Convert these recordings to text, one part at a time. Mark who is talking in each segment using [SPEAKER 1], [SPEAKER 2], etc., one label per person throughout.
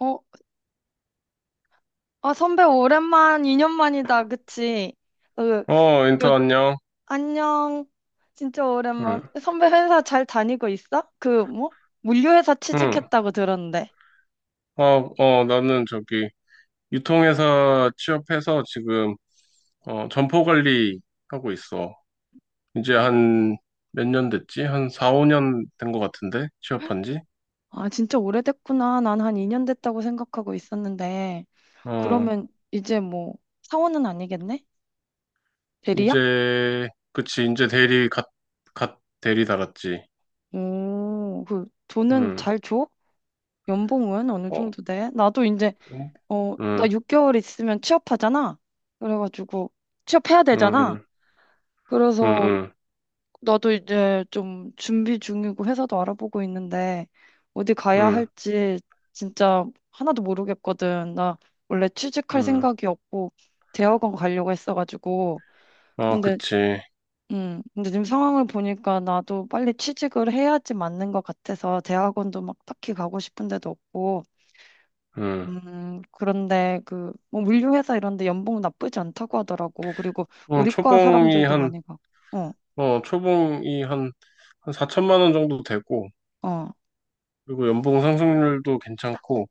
[SPEAKER 1] 어, 아, 선배 오랜만, 2년 만이다, 그치? 어, 요,
[SPEAKER 2] 어, 인터 안녕.
[SPEAKER 1] 안녕. 진짜
[SPEAKER 2] 응,
[SPEAKER 1] 오랜만. 선배 회사 잘 다니고 있어? 그, 뭐? 물류회사
[SPEAKER 2] 응.
[SPEAKER 1] 취직했다고 들었는데.
[SPEAKER 2] 어, 어, 나는 저기 유통회사 취업해서 지금 점포 관리 하고 있어. 이제 한 몇 년 됐지? 한 4, 5년 된 것 같은데? 취업한 지?
[SPEAKER 1] 아, 진짜 오래됐구나. 난 한 2년 됐다고 생각하고 있었는데.
[SPEAKER 2] 어,
[SPEAKER 1] 그러면 이제 뭐, 사원은 아니겠네? 대리야?
[SPEAKER 2] 이제 그치. 이제 대리 갓 대리 달았지.
[SPEAKER 1] 오, 그, 돈은
[SPEAKER 2] 응.
[SPEAKER 1] 잘 줘? 연봉은 어느
[SPEAKER 2] 어,
[SPEAKER 1] 정도 돼? 나도 이제,
[SPEAKER 2] 응,
[SPEAKER 1] 나
[SPEAKER 2] 응,
[SPEAKER 1] 6개월 있으면 취업하잖아? 그래가지고, 취업해야
[SPEAKER 2] 응,
[SPEAKER 1] 되잖아?
[SPEAKER 2] 응,
[SPEAKER 1] 그래서
[SPEAKER 2] 응,
[SPEAKER 1] 나도 이제 좀 준비 중이고 회사도 알아보고 있는데 어디
[SPEAKER 2] 응.
[SPEAKER 1] 가야
[SPEAKER 2] 응,
[SPEAKER 1] 할지 진짜 하나도 모르겠거든. 나 원래 취직할
[SPEAKER 2] 응.
[SPEAKER 1] 생각이 없고 대학원 가려고 했어가지고.
[SPEAKER 2] 아
[SPEAKER 1] 근데
[SPEAKER 2] 그치.
[SPEAKER 1] 근데 지금 상황을 보니까 나도 빨리 취직을 해야지 맞는 것 같아서 대학원도 막 딱히 가고 싶은 데도 없고.
[SPEAKER 2] 응.
[SPEAKER 1] 그런데 그 뭐 물류 회사 이런 데 연봉 나쁘지 않다고 하더라고. 그리고
[SPEAKER 2] 어,
[SPEAKER 1] 우리 과
[SPEAKER 2] 초봉이
[SPEAKER 1] 사람들도
[SPEAKER 2] 한
[SPEAKER 1] 많이 가고. 어,
[SPEAKER 2] 초봉이 한 4천만 원 정도 되고,
[SPEAKER 1] 어.
[SPEAKER 2] 그리고 연봉 상승률도 괜찮고,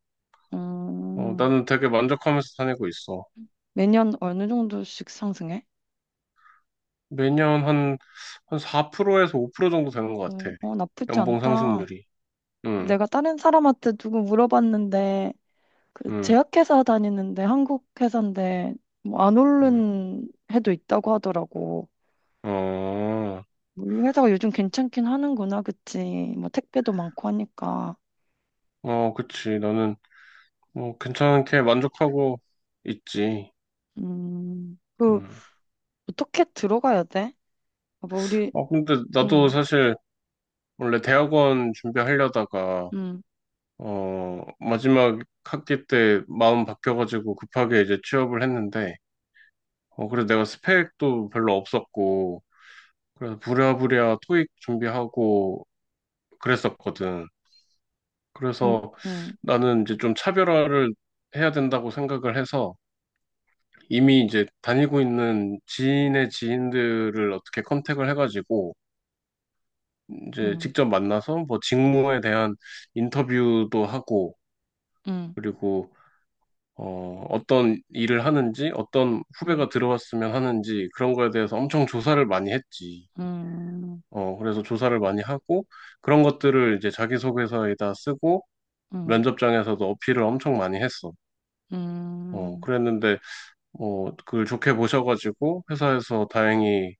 [SPEAKER 1] 음.
[SPEAKER 2] 나는 되게 만족하면서 다니고 있어.
[SPEAKER 1] 매년 어느 정도씩 상승해?
[SPEAKER 2] 매년 한 4%에서 5% 정도 되는 것
[SPEAKER 1] 어,
[SPEAKER 2] 같아.
[SPEAKER 1] 어, 나쁘지
[SPEAKER 2] 연봉
[SPEAKER 1] 않다.
[SPEAKER 2] 상승률이. 응,
[SPEAKER 1] 내가 다른 사람한테 누구 물어봤는데 그
[SPEAKER 2] 응,
[SPEAKER 1] 제약회사 다니는데 한국 회사인데 뭐 안
[SPEAKER 2] 응.
[SPEAKER 1] 오른 해도 있다고 하더라고.
[SPEAKER 2] 어,
[SPEAKER 1] 뭐 우리 회사가 요즘 괜찮긴 하는구나, 그치? 뭐 택배도 많고 하니까.
[SPEAKER 2] 어, 그치. 나는, 뭐, 괜찮게 만족하고 있지.
[SPEAKER 1] 그
[SPEAKER 2] 음.
[SPEAKER 1] 어떻게 들어가야 돼? 아, 뭐 우리.
[SPEAKER 2] 아, 근데 나도
[SPEAKER 1] 음,
[SPEAKER 2] 사실, 원래 대학원 준비하려다가,
[SPEAKER 1] 음,
[SPEAKER 2] 마지막 학기 때 마음 바뀌어가지고 급하게 이제 취업을 했는데, 그래서 내가 스펙도 별로 없었고, 그래서 부랴부랴 토익 준비하고 그랬었거든.
[SPEAKER 1] 음,
[SPEAKER 2] 그래서
[SPEAKER 1] 음,
[SPEAKER 2] 나는 이제 좀 차별화를 해야 된다고 생각을 해서 이미 이제 다니고 있는 지인의 지인들을 어떻게 컨택을 해가지고 이제
[SPEAKER 1] 음,
[SPEAKER 2] 직접 만나서 뭐 직무에 대한 인터뷰도 하고
[SPEAKER 1] 음,
[SPEAKER 2] 그리고 어떤 일을 하는지 어떤
[SPEAKER 1] 음,
[SPEAKER 2] 후배가 들어왔으면 하는지 그런 거에 대해서 엄청 조사를 많이 했지.
[SPEAKER 1] 음,
[SPEAKER 2] 그래서 조사를 많이 하고 그런 것들을 이제 자기소개서에다 쓰고
[SPEAKER 1] 음,
[SPEAKER 2] 면접장에서도 어필을 엄청 많이 했어.
[SPEAKER 1] 음,
[SPEAKER 2] 그랬는데 뭐 그걸 좋게 보셔가지고 회사에서 다행히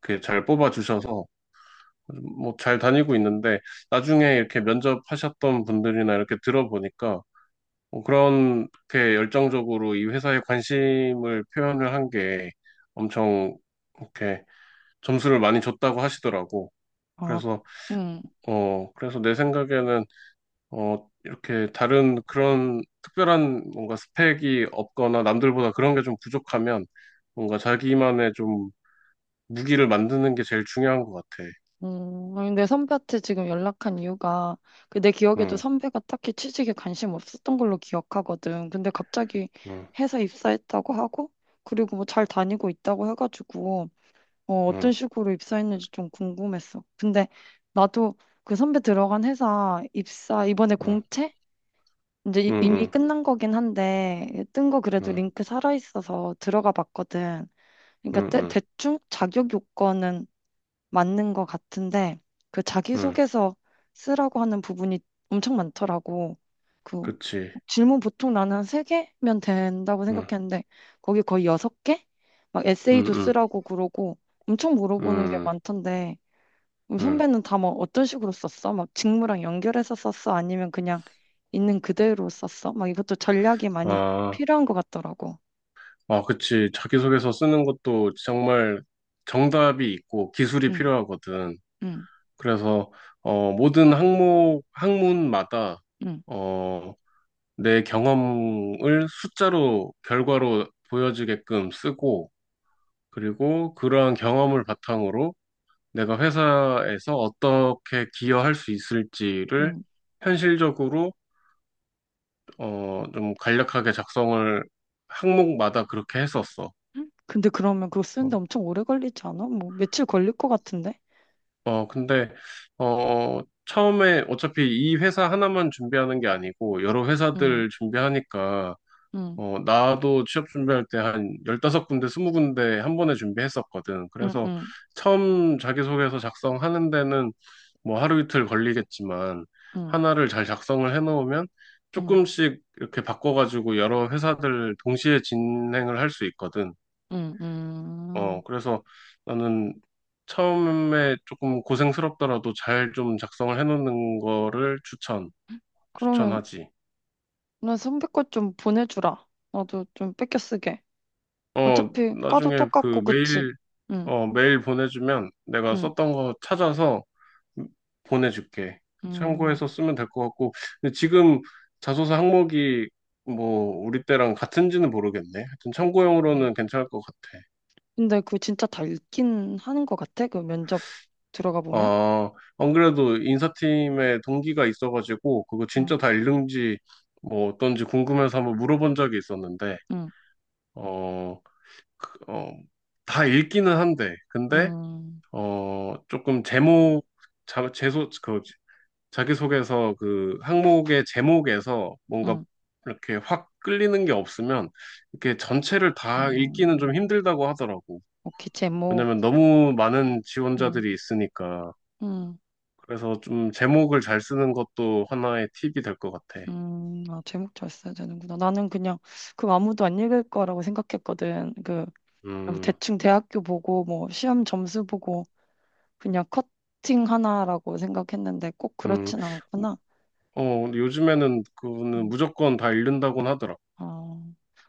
[SPEAKER 2] 그잘 뽑아주셔서 뭐 잘 다니고 있는데 나중에 이렇게 면접하셨던 분들이나 이렇게 들어보니까 뭐 그렇게 열정적으로 이 회사에 관심을 표현을 한 게 엄청 이렇게 점수를 많이 줬다고 하시더라고.
[SPEAKER 1] 아,
[SPEAKER 2] 그래서
[SPEAKER 1] 음.
[SPEAKER 2] 그래서 내 생각에는 이렇게 다른 그런 특별한 뭔가 스펙이 없거나 남들보다 그런 게 좀 부족하면 뭔가 자기만의 좀 무기를 만드는 게 제일 중요한 것 같아.
[SPEAKER 1] 아니, 내 선배한테 지금 연락한 이유가 그 내 기억에도
[SPEAKER 2] 응,
[SPEAKER 1] 선배가 딱히 취직에 관심 없었던 걸로 기억하거든. 근데 갑자기
[SPEAKER 2] 응,
[SPEAKER 1] 회사 입사했다고 하고 그리고 뭐 잘 다니고 있다고 해가지고 어떤
[SPEAKER 2] 응,
[SPEAKER 1] 식으로 입사했는지 좀 궁금했어. 근데 나도 그 선배 들어간 회사 입사 이번에
[SPEAKER 2] 응,
[SPEAKER 1] 공채? 이제 이미
[SPEAKER 2] 응,
[SPEAKER 1] 끝난 거긴 한데 뜬 거 그래도
[SPEAKER 2] 응,
[SPEAKER 1] 링크 살아있어서 들어가 봤거든. 그러니까
[SPEAKER 2] 응,
[SPEAKER 1] 대,
[SPEAKER 2] 응,
[SPEAKER 1] 대충 자격 요건은 맞는 것 같은데 그
[SPEAKER 2] 응,
[SPEAKER 1] 자기소개서 쓰라고 하는 부분이 엄청 많더라고. 그
[SPEAKER 2] 그치.
[SPEAKER 1] 질문 보통 나는 한 세개면 된다고
[SPEAKER 2] 응,
[SPEAKER 1] 생각했는데 거기 거의 여섯 개막
[SPEAKER 2] 응,
[SPEAKER 1] 에세이도
[SPEAKER 2] 응,
[SPEAKER 1] 쓰라고 그러고 엄청 물어보는 게
[SPEAKER 2] 응,
[SPEAKER 1] 많던데 그럼
[SPEAKER 2] 응.
[SPEAKER 1] 선배는 다 막 어떤 식으로 썼어? 막 직무랑 연결해서 썼어? 아니면 그냥 있는 그대로 썼어? 막 이것도 전략이 많이
[SPEAKER 2] 아,
[SPEAKER 1] 필요한 것 같더라고.
[SPEAKER 2] 아, 그치. 자기소개서 쓰는 것도 정말 정답이 있고 기술이
[SPEAKER 1] 응,
[SPEAKER 2] 필요하거든.
[SPEAKER 1] 응,
[SPEAKER 2] 그래서, 모든 항목, 학문마다
[SPEAKER 1] 응,
[SPEAKER 2] 어, 내 경험을 숫자로, 결과로 보여주게끔 쓰고, 그리고 그러한 경험을 바탕으로 내가 회사에서 어떻게 기여할 수 있을지를
[SPEAKER 1] 응.
[SPEAKER 2] 현실적으로, 좀 간략하게 작성을 항목마다 그렇게 했었어.
[SPEAKER 1] 근데 그러면 그거 쓰는데
[SPEAKER 2] 어,
[SPEAKER 1] 엄청 오래 걸리지 않아? 뭐 며칠 걸릴 것 같은데?
[SPEAKER 2] 근데, 어, 처음에 어차피 이 회사 하나만 준비하는 게 아니고, 여러
[SPEAKER 1] 응,
[SPEAKER 2] 회사들 준비하니까,
[SPEAKER 1] 응,
[SPEAKER 2] 나도 취업 준비할 때 한 15군데, 20군데 한 번에 준비했었거든.
[SPEAKER 1] 응,
[SPEAKER 2] 그래서
[SPEAKER 1] 응,
[SPEAKER 2] 처음 자기소개서 작성하는 데는 뭐 하루 이틀 걸리겠지만
[SPEAKER 1] 응,
[SPEAKER 2] 하나를 잘 작성을 해놓으면
[SPEAKER 1] 응,
[SPEAKER 2] 조금씩 이렇게 바꿔가지고 여러 회사들 동시에 진행을 할 수 있거든.
[SPEAKER 1] 응, 응.
[SPEAKER 2] 그래서 나는 처음에 조금 고생스럽더라도 잘 좀 작성을 해놓는 거를
[SPEAKER 1] 그러면
[SPEAKER 2] 추천하지.
[SPEAKER 1] 나 선배 거 좀 보내주라. 나도 좀 뺏겨 쓰게. 어차피 과도
[SPEAKER 2] 나중에 그
[SPEAKER 1] 똑같고 그치?
[SPEAKER 2] 메일
[SPEAKER 1] 응,
[SPEAKER 2] 어, 메일 보내주면 내가
[SPEAKER 1] 응,
[SPEAKER 2] 썼던 거 찾아서 보내줄게. 참고해서
[SPEAKER 1] 응.
[SPEAKER 2] 쓰면 될 것 같고. 근데 지금 자소서 항목이 뭐 우리 때랑 같은지는 모르겠네. 하여튼
[SPEAKER 1] 응.
[SPEAKER 2] 참고용으로는 괜찮을 것 같아.
[SPEAKER 1] 근데 그거 진짜 다 읽긴 하는 것 같아? 그 면접 들어가 보면?
[SPEAKER 2] 안 그래도 인사팀에 동기가 있어가지고 그거
[SPEAKER 1] 응,
[SPEAKER 2] 진짜 다 읽는지 뭐 어떤지 궁금해서 한번 물어본 적이 있었는데
[SPEAKER 1] 응,
[SPEAKER 2] 어, 그, 어, 다 읽기는 한데 근데
[SPEAKER 1] 응,
[SPEAKER 2] 조금 제목 그 자기소개서 그 항목의 제목에서 뭔가
[SPEAKER 1] 응.
[SPEAKER 2] 이렇게 확 끌리는 게 없으면 이렇게 전체를
[SPEAKER 1] 응.
[SPEAKER 2] 다 읽기는 좀 힘들다고 하더라고.
[SPEAKER 1] 오케이 제목.
[SPEAKER 2] 왜냐면 너무 많은
[SPEAKER 1] 응,
[SPEAKER 2] 지원자들이 있으니까.
[SPEAKER 1] 응.
[SPEAKER 2] 그래서 좀 제목을 잘 쓰는 것도 하나의 팁이 될 것 같아.
[SPEAKER 1] 아, 제목 잘 써야 되는구나. 나는 그냥 그 아무도 안 읽을 거라고 생각했거든. 그 뭐
[SPEAKER 2] 음,
[SPEAKER 1] 대충 대학교 보고 뭐 시험 점수 보고 그냥 커팅 하나라고 생각했는데 꼭
[SPEAKER 2] 음.
[SPEAKER 1] 그렇진 않구나.
[SPEAKER 2] 근데 요즘에는 그거는
[SPEAKER 1] 음.
[SPEAKER 2] 무조건 다 읽는다고는 하더라.
[SPEAKER 1] 어.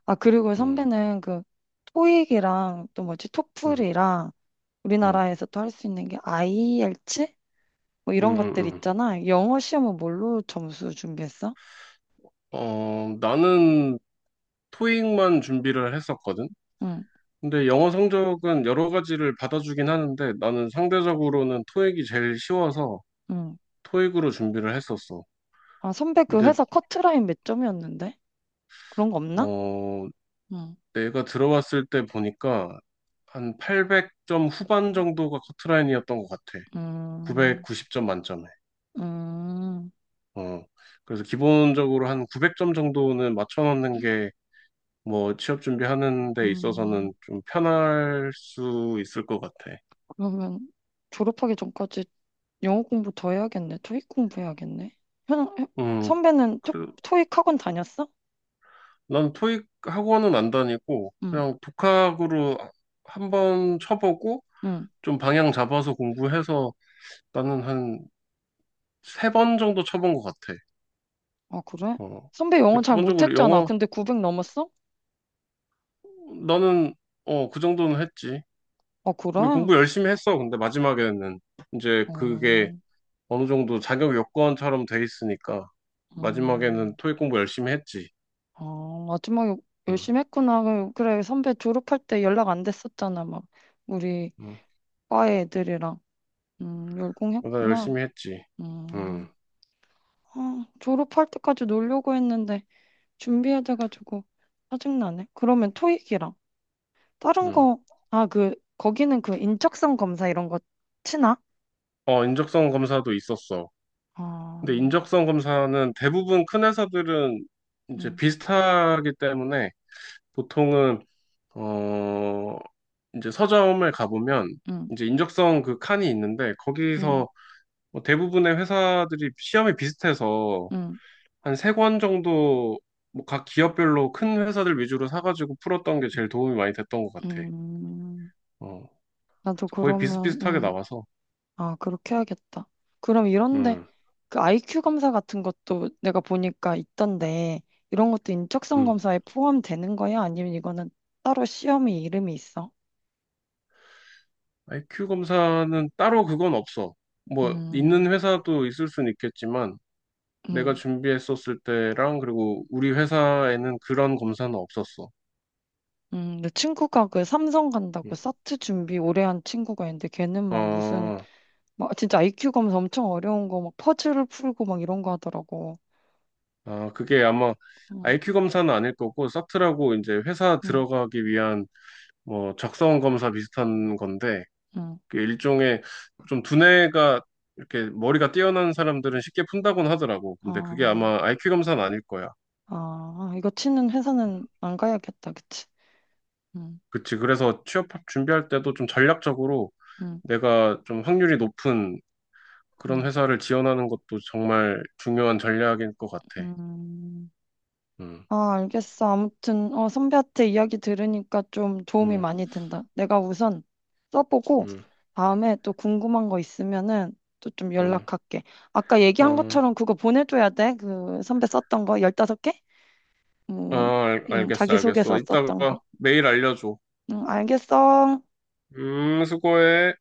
[SPEAKER 1] 아, 그리고
[SPEAKER 2] 음,
[SPEAKER 1] 선배는 그 토익이랑 또 뭐지?
[SPEAKER 2] 음,
[SPEAKER 1] 토플이랑
[SPEAKER 2] 음,
[SPEAKER 1] 우리나라에서 또 할 수 있는 게 IELTS 뭐 이런 것들
[SPEAKER 2] 음.
[SPEAKER 1] 있잖아. 영어 시험은 뭘로 점수 준비했어?
[SPEAKER 2] 나는 토익만 준비를 했었거든.
[SPEAKER 1] 응,
[SPEAKER 2] 근데 영어 성적은 여러 가지를 받아주긴 하는데 나는 상대적으로는 토익이 제일 쉬워서
[SPEAKER 1] 응.
[SPEAKER 2] 토익으로 준비를 했었어.
[SPEAKER 1] 아, 선배 그
[SPEAKER 2] 근데
[SPEAKER 1] 회사 커트라인 몇 점이었는데? 그런 거 없나?
[SPEAKER 2] 어 내가 들어왔을 때 보니까 한 800점 후반 정도가 커트라인이었던 것 같아.
[SPEAKER 1] 음,
[SPEAKER 2] 990점 만점에.
[SPEAKER 1] 음,
[SPEAKER 2] 어 그래서 기본적으로 한 900점 정도는 맞춰놓는 게 뭐 취업 준비하는 데
[SPEAKER 1] 음.
[SPEAKER 2] 있어서는 좀 편할 수 있을 것 같아.
[SPEAKER 1] 그러면 졸업하기 전까지 영어 공부 더 해야겠네. 토익 공부해야겠네. 현, 현-
[SPEAKER 2] 음,
[SPEAKER 1] 선배는 토,
[SPEAKER 2] 그래,
[SPEAKER 1] 토익 학원 다녔어?
[SPEAKER 2] 난 토익 학원은 안 다니고
[SPEAKER 1] 응,
[SPEAKER 2] 그냥 독학으로 한 번 쳐보고
[SPEAKER 1] 응.
[SPEAKER 2] 좀 방향 잡아서 공부해서 나는 한 세 번 정도 쳐본 것 같아.
[SPEAKER 1] 아, 그래?
[SPEAKER 2] 어.
[SPEAKER 1] 선배 영어
[SPEAKER 2] 근데
[SPEAKER 1] 잘
[SPEAKER 2] 기본적으로
[SPEAKER 1] 못했잖아.
[SPEAKER 2] 영어
[SPEAKER 1] 근데 900 넘었어?
[SPEAKER 2] 나는 그 정도는 했지.
[SPEAKER 1] 아, 그래?
[SPEAKER 2] 근데 공부 열심히 했어. 근데 마지막에는 이제 그게
[SPEAKER 1] 어,
[SPEAKER 2] 어느 정도 자격 요건처럼 돼 있으니까 마지막에는
[SPEAKER 1] 음,
[SPEAKER 2] 토익 공부 열심히 했지.
[SPEAKER 1] 아, 마지막에
[SPEAKER 2] 응,
[SPEAKER 1] 열심히 했구나. 그래, 선배 졸업할 때 연락 안 됐었잖아. 막, 우리
[SPEAKER 2] 응.
[SPEAKER 1] 과 애들이랑.
[SPEAKER 2] 나
[SPEAKER 1] 열공했구나.
[SPEAKER 2] 열심히 했지. 응,
[SPEAKER 1] 음. 아, 졸업할 때까지 놀려고 했는데 준비해돼가지고 짜증나네. 그러면 토익이랑 다른
[SPEAKER 2] 응.
[SPEAKER 1] 거, 아, 그, 거기는 그 인적성 검사 이런 거 치나?
[SPEAKER 2] 인적성 검사도 있었어. 근데
[SPEAKER 1] 아,
[SPEAKER 2] 인적성 검사는 대부분 큰 회사들은
[SPEAKER 1] 응
[SPEAKER 2] 이제 비슷하기 때문에 보통은 어 이제 서점을 가보면
[SPEAKER 1] 응
[SPEAKER 2] 이제 인적성 그 칸이 있는데 거기서
[SPEAKER 1] 응
[SPEAKER 2] 뭐 대부분의 회사들이 시험이 비슷해서
[SPEAKER 1] 응
[SPEAKER 2] 한 세 권 정도 뭐 각 기업별로 큰 회사들 위주로 사가지고 풀었던 게 제일 도움이 많이 됐던 것 같아.
[SPEAKER 1] 응
[SPEAKER 2] 어
[SPEAKER 1] 나도
[SPEAKER 2] 거의
[SPEAKER 1] 그러면,
[SPEAKER 2] 비슷비슷하게
[SPEAKER 1] 응
[SPEAKER 2] 나와서
[SPEAKER 1] 아, 그렇게 해야겠다. 그럼 이런데
[SPEAKER 2] 음
[SPEAKER 1] 그 IQ 검사 같은 것도 내가 보니까 있던데 이런 것도 인적성
[SPEAKER 2] 음.
[SPEAKER 1] 검사에 포함되는 거야? 아니면 이거는 따로 시험이 이름이 있어?
[SPEAKER 2] IQ 검사는 따로 그건 없어. 뭐 있는
[SPEAKER 1] 음,
[SPEAKER 2] 회사도 있을 수는 있겠지만 내가
[SPEAKER 1] 음.
[SPEAKER 2] 준비했었을 때랑 그리고 우리 회사에는 그런 검사는 없었어.
[SPEAKER 1] 내 친구가 그 삼성 간다고
[SPEAKER 2] 음.
[SPEAKER 1] 사트 준비 오래 한 친구가 있는데 걔는 막 무슨
[SPEAKER 2] 어,
[SPEAKER 1] 막 진짜 IQ 검사 엄청 어려운 거 막 퍼즐을 풀고 막 이런 거 하더라고.
[SPEAKER 2] 아, 그게 아마
[SPEAKER 1] 응,
[SPEAKER 2] IQ 검사는 아닐 거고 사트라고 이제 회사
[SPEAKER 1] 응,
[SPEAKER 2] 들어가기 위한 뭐 적성 검사 비슷한 건데
[SPEAKER 1] 응.
[SPEAKER 2] 그 일종의 좀 두뇌가 이렇게 머리가 뛰어난 사람들은 쉽게 푼다곤 하더라고. 근데 그게
[SPEAKER 1] 아,
[SPEAKER 2] 아마 IQ 검사는 아닐 거야.
[SPEAKER 1] 아, 이거 치는 회사는 안 가야겠다, 그치? 응,
[SPEAKER 2] 그치. 그래서 취업 준비할 때도 좀 전략적으로
[SPEAKER 1] 응,
[SPEAKER 2] 내가 좀 확률이 높은 그런
[SPEAKER 1] 응,
[SPEAKER 2] 회사를 지원하는 것도 정말 중요한 전략인 것 같아.
[SPEAKER 1] 응.
[SPEAKER 2] 음,
[SPEAKER 1] 아, 알겠어. 아무튼, 선배한테 이야기 들으니까 좀 도움이
[SPEAKER 2] 음,
[SPEAKER 1] 많이 된다. 내가 우선 써보고,
[SPEAKER 2] 음,
[SPEAKER 1] 다음에 또 궁금한 거 있으면은 또 좀
[SPEAKER 2] 음.
[SPEAKER 1] 연락할게. 아까 얘기한
[SPEAKER 2] 어,
[SPEAKER 1] 것처럼 그거 보내줘야 돼. 그 선배 썼던 거, 15개?
[SPEAKER 2] 아,
[SPEAKER 1] 음,
[SPEAKER 2] 알겠어, 알겠어.
[SPEAKER 1] 자기소개서 썼던 거.
[SPEAKER 2] 이따가 메일 알려줘.
[SPEAKER 1] 응, 알겠어.
[SPEAKER 2] 수고해.